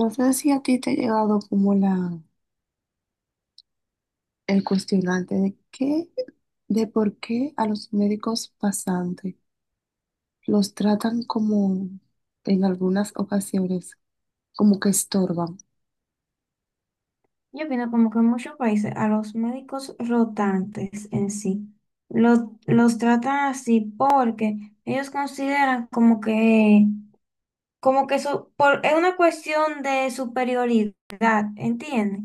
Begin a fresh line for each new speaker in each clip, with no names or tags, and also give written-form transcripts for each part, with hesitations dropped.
No sé si a ti te ha llegado como la, el cuestionante de qué, de por qué a los médicos pasantes los tratan como en algunas ocasiones como que estorban.
Yo opino como que en muchos países a los médicos rotantes en sí los tratan así porque ellos consideran como que eso por, es una cuestión de superioridad, ¿entiendes?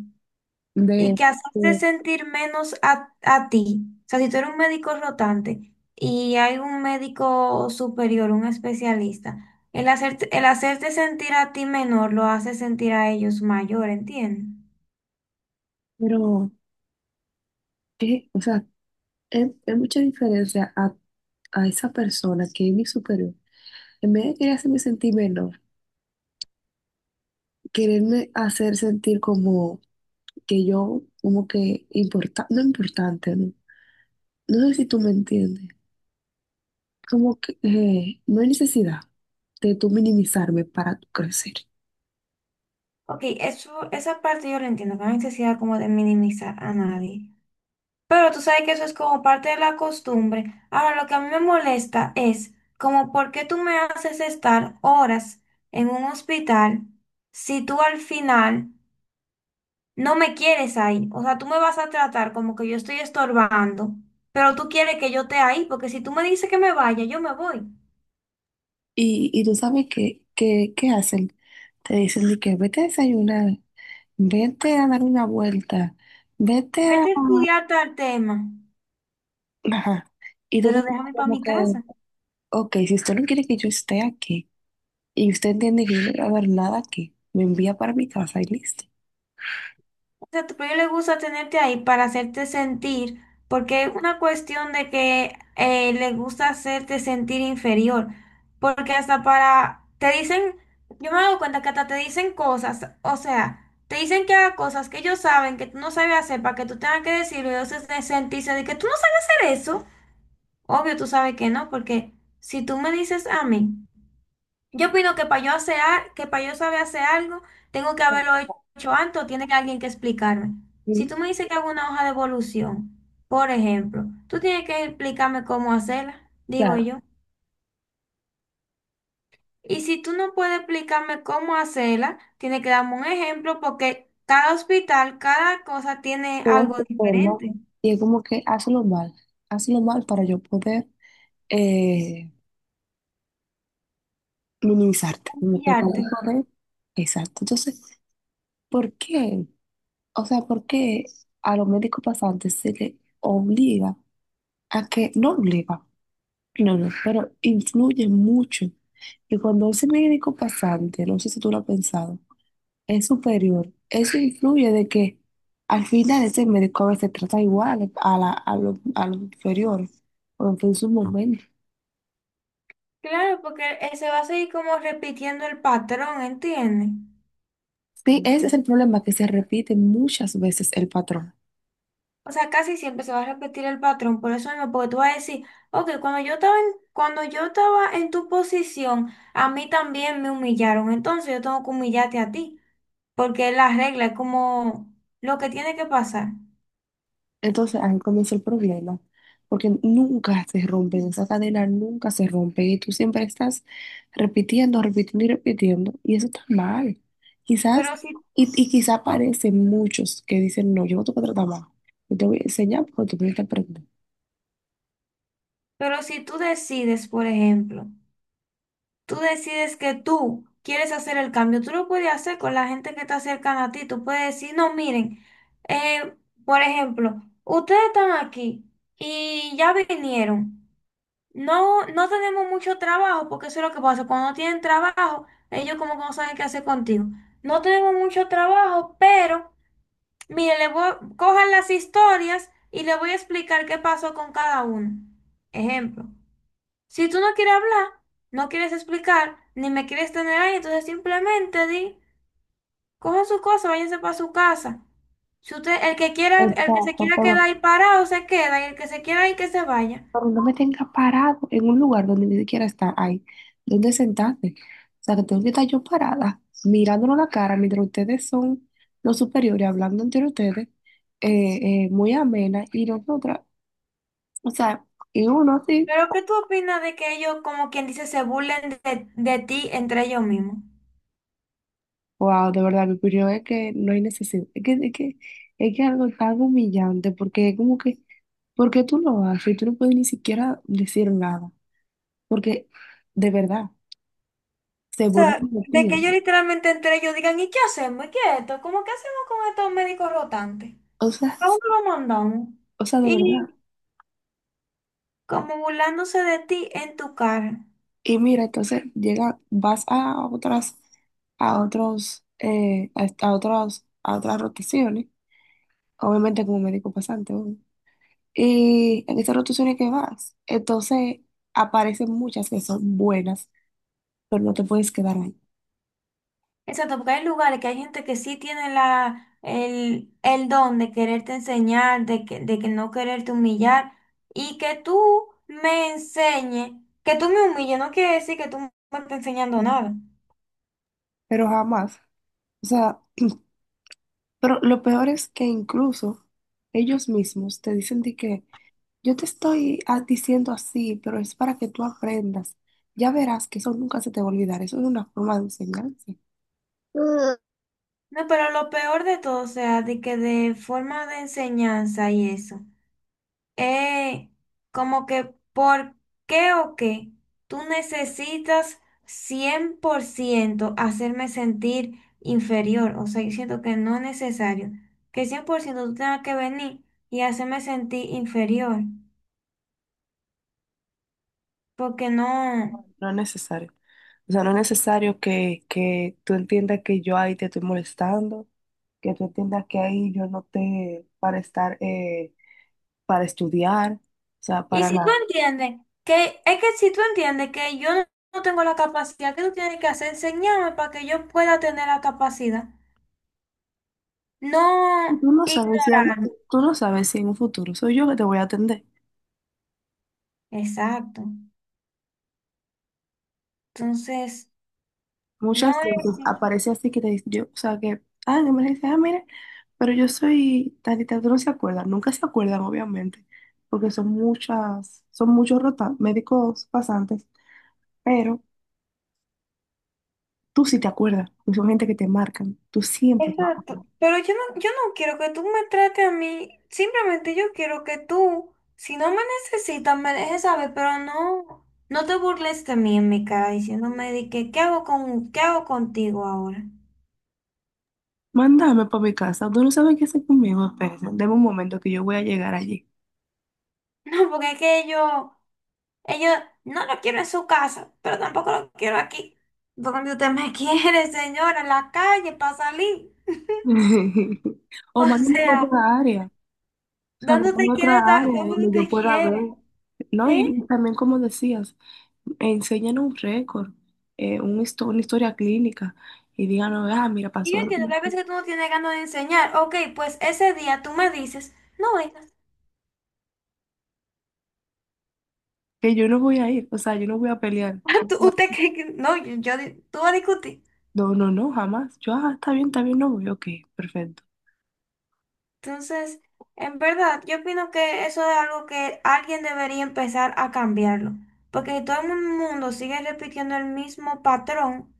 Y
De,
que hacerte
de-
sentir menos a ti. O sea, si tú eres un médico rotante y hay un médico superior, un especialista, el hacerte sentir a ti menor lo hace sentir a ellos mayor, ¿entiendes?
pero, ¿qué? O sea, es mucha diferencia a esa persona que es mi superior. En vez de querer hacerme sentir menor, quererme hacer sentir como que yo, como que importa, no importante, ¿no? No sé si tú me entiendes. Como que no hay necesidad de tú minimizarme para tú crecer.
Ok, esa parte yo la entiendo, que no hay necesidad como de minimizar a nadie. Pero tú sabes que eso es como parte de la costumbre. Ahora, lo que a mí me molesta es como por qué tú me haces estar horas en un hospital si tú al final no me quieres ahí. O sea, tú me vas a tratar como que yo estoy estorbando, pero tú quieres que yo esté ahí, porque si tú me dices que me vaya, yo me voy.
Y tú sabes ¿qué hacen? Te dicen de que vete a desayunar, vete a dar una vuelta, vete a...
Vete a estudiar tal tema,
Ajá. Y tú te
pero
pones
déjame para
como
mi
que,
casa.
ok, si usted no quiere que yo esté aquí y usted entiende que yo no voy a ver nada aquí, me envía para mi casa y listo.
Sea, a tu proyecto le gusta tenerte ahí para hacerte sentir, porque es una cuestión de que le gusta hacerte sentir inferior, porque hasta para, te dicen, yo me doy cuenta que hasta te dicen cosas, o sea, te dicen que haga cosas que ellos saben que tú no sabes hacer para que tú tengas que decirlo, y entonces de sentirse de que tú no sabes hacer eso, obvio tú sabes que no, porque si tú me dices a mí, yo opino que para yo hacer, que para yo saber hacer algo, tengo que haberlo hecho antes o tiene que alguien que explicarme. Si
Sí.
tú me dices que hago una hoja de evolución, por ejemplo, tú tienes que explicarme cómo hacerla, digo
Claro,
yo. Y si tú no puedes explicarme cómo hacerla, tienes que darme un ejemplo porque cada hospital, cada cosa tiene
todo
algo
se forma
diferente.
y es como que hazlo mal para yo poder... eh, minimizarte, no
Y
te
arte.
de... Exacto. Entonces, ¿por qué? O sea, ¿por qué a los médicos pasantes se les obliga a que, no obliga, no, no, pero influye mucho. Y cuando ese médico pasante, no sé si tú lo has pensado, es superior, eso influye de que al final ese médico a veces trata igual a, la, a, lo- a los inferiores, o en su momento.
Claro, porque se va a seguir como repitiendo el patrón, ¿entiendes?
Sí, ese es el problema, que se repite muchas veces el patrón.
O sea, casi siempre se va a repetir el patrón, por eso mismo, porque tú vas a decir, ok, cuando yo estaba en tu posición, a mí también me humillaron, entonces yo tengo que humillarte a ti, porque es la regla, es como lo que tiene que pasar.
Entonces ahí comienza el problema, porque nunca se rompen, esa cadena nunca se rompe y tú siempre estás repitiendo, repitiendo y repitiendo y eso está mal. Quizás,
Pero si,
y quizás aparecen muchos que dicen, no, yo no te voy a tratar más, yo te voy a enseñar porque tú tienes que aprender.
pero si tú decides, por ejemplo, tú decides que tú quieres hacer el cambio, tú lo puedes hacer con la gente que está cercana a ti, tú puedes decir, no, miren, eh, por ejemplo, ustedes están aquí y ya vinieron. No, no tenemos mucho trabajo, porque eso es lo que pasa. Cuando no tienen trabajo, ellos como que no saben qué hacer contigo. No tenemos mucho trabajo, pero mire, cojan las historias y le voy a explicar qué pasó con cada uno. Ejemplo, si tú no quieres hablar, no quieres explicar, ni me quieres tener ahí, entonces simplemente di, cojan su cosa, váyanse para su casa. Si usted, el que se
Exacto,
quiera quedar ahí parado, se queda, y el que se quiera ir, que se vaya.
favor, no me tenga parado en un lugar donde ni siquiera está ahí, donde sentarte. O sea, que tengo que estar yo parada, mirándonos la cara mientras ustedes son los superiores, hablando entre ustedes, muy amena, y nosotras, o sea, y uno así,
Pero ¿qué tú opinas de que ellos, como quien dice, se burlen de ti entre ellos mismos?
wow, de verdad, mi opinión es que no hay necesidad, es que algo tan humillante, porque es como que, ¿por qué tú lo haces? Y tú no puedes ni siquiera decir nada, porque de verdad,
O
se
sea,
burlan de
de
ti.
que ellos literalmente entre ellos digan, ¿y qué hacemos? ¿Y qué es esto? ¿Cómo qué hacemos con estos médicos rotantes?
O sea,
¿A dónde los mandamos?
o sea, de verdad.
Y como burlándose de ti en tu cara.
Y mira, entonces llega, vas a otras, a otros, a otros, a otras rotaciones, obviamente como médico pasante, obvio. Y en esas rotaciones que vas, entonces aparecen muchas que son buenas, pero no te puedes quedar ahí.
Exacto, porque hay lugares que hay gente que sí tiene el don de quererte enseñar, de que no quererte humillar, y que tú me enseñes, que tú me humilles, no quiere decir que tú me estés enseñando nada.
Pero jamás. O sea, pero lo peor es que incluso ellos mismos te dicen de que yo te estoy diciendo así, pero es para que tú aprendas. Ya verás que eso nunca se te va a olvidar. Eso es una forma de enseñanza.
No, pero lo peor de todo, o sea, de que de forma de enseñanza y eso, es como que por qué o qué tú necesitas 100% hacerme sentir inferior, o sea, yo siento que no es necesario, que 100% tú tengas que venir y hacerme sentir inferior, porque no...
No es necesario. O sea, no es necesario que tú entiendas que yo ahí te estoy molestando, que tú entiendas que ahí yo no te para estar, para estudiar, o sea,
Y
para
si tú
nada.
entiendes que, es que si tú entiendes que yo no tengo la capacidad, ¿que tú tienes que hacer? Enseñarme para que yo pueda tener la capacidad.
Y
No
tú no sabes si, al-
ignorar.
tú no sabes si en un futuro soy yo que te voy a atender.
Exacto. Entonces,
Muchas
no es...
veces aparece así que te dice, yo, o sea, que, ah, en emergencia, ah, mire, pero yo soy tantita, tú no se acuerdan, nunca se acuerdan, obviamente, porque son muchas, son muchos rota- médicos pasantes, pero. Tú sí te acuerdas, porque son gente que te marcan. Tú siempre te vas a
Exacto.
acordar.
Pero yo no quiero que tú me trates a mí. Simplemente yo quiero que tú, si no me necesitas, me dejes saber, pero no, no te burles de mí en mi cara diciéndome de que, ¿qué hago con, qué hago contigo ahora?
Mándame para mi casa. Tú no sabes qué hacer conmigo, espérese. Deme un momento que yo voy a llegar allí.
No, porque es que yo, ellos no lo quiero en su casa, pero tampoco lo quiero aquí. Donde usted me quiere, señora, en la calle para salir.
O
O
mándame a
sea.
otra área. O sea,
¿Dónde
mándame
te
a otra
quieres
área
dar? ¿Dónde
donde yo
te
pueda ver.
quieres?
No,
¿Eh?
y también como decías, enseñan un récord, un histo- una historia clínica y díganos, ah, mira,
Y
pasó
yo entiendo que a
esto".
veces tú no tienes ganas de enseñar. Ok, pues ese día tú me dices, no vengas.
Que yo no voy a ir, o sea, yo no voy a pelear.
Ah, ¿usted cree que no? Tú vas a discutir.
No, no, no, jamás. Yo, ah, está bien, no voy, ok, perfecto.
Entonces, en verdad, yo opino que eso es algo que alguien debería empezar a cambiarlo. Porque si todo el mundo sigue repitiendo el mismo patrón,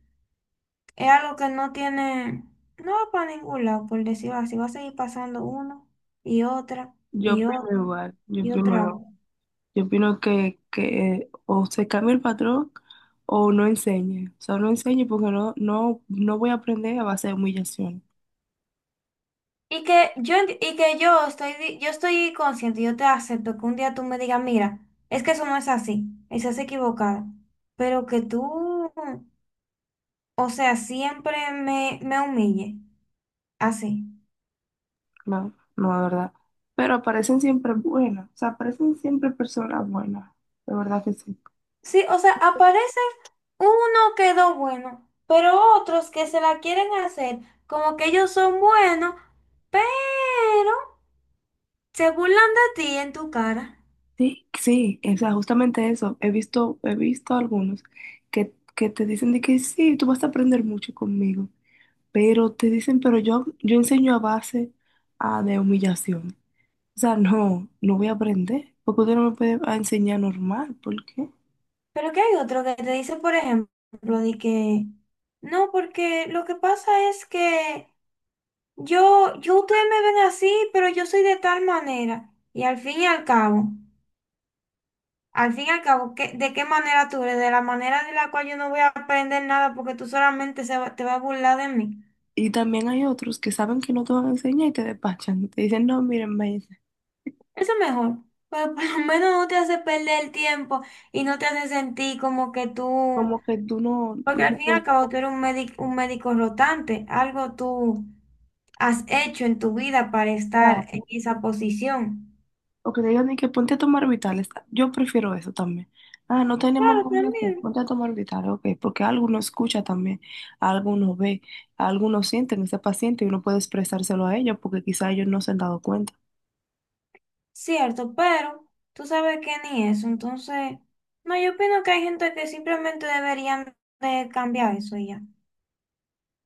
es algo que no va para ningún lado, por decirlo así. Va a seguir pasando uno y otra
Yo
y
opino
otra
igual, yo
y
opino
otra
igual.
vez.
Yo opino que o se cambia el patrón o no enseñe. O sea, no enseñe porque no, no, no voy a aprender a base de humillación.
Y que yo, enti- y que yo estoy, di- yo estoy consciente, yo te acepto que un día tú me digas, mira, es que eso no es así, estás equivocada, pero que tú, o sea, me humille, así.
No, no, de verdad. Pero aparecen siempre buenas, o sea, aparecen siempre personas buenas. De verdad que sí.
Sí, o sea, aparece uno quedó bueno, pero otros que se la quieren hacer, como que ellos son buenos, pero se burlan de ti en tu cara.
Sí, sí, o sea, justamente eso. He visto algunos que te dicen de que sí, tú vas a aprender mucho conmigo. Pero te dicen, pero yo enseño a base de humillación. O sea, no, no voy a aprender, porque usted no me puede a enseñar normal, ¿por qué?
Pero que hay otro que te dice, por ejemplo, de que no, porque lo que pasa es que ustedes me ven así, pero yo soy de tal manera. Y al fin y al cabo, al fin y al cabo, ¿de qué manera tú eres? De la manera de la cual yo no voy a aprender nada porque tú solamente te vas a burlar de mí.
Y también hay otros que saben que no te van a enseñar y te despachan. Te dicen, no, miren, maestra,
Eso es mejor. Pero por lo menos no te hace perder el tiempo y no te hace sentir como que tú,
como que
porque
tú
al
no
fin y al
puedes,
cabo tú eres un médico rotante, algo tú has hecho en tu vida para
ah,
estar en esa posición.
o que te digan de que ponte a tomar vitales. Yo prefiero eso también. Ah, no tenemos
Claro,
nada que hacer,
también,
ponte a tomar vitales, ok, porque algo uno escucha también, algo uno ve, algo uno siente en ese paciente y uno puede expresárselo a ellos porque quizá ellos no se han dado cuenta.
cierto, pero tú sabes que ni eso, entonces, no, yo opino que hay gente que simplemente deberían de cambiar eso y ya.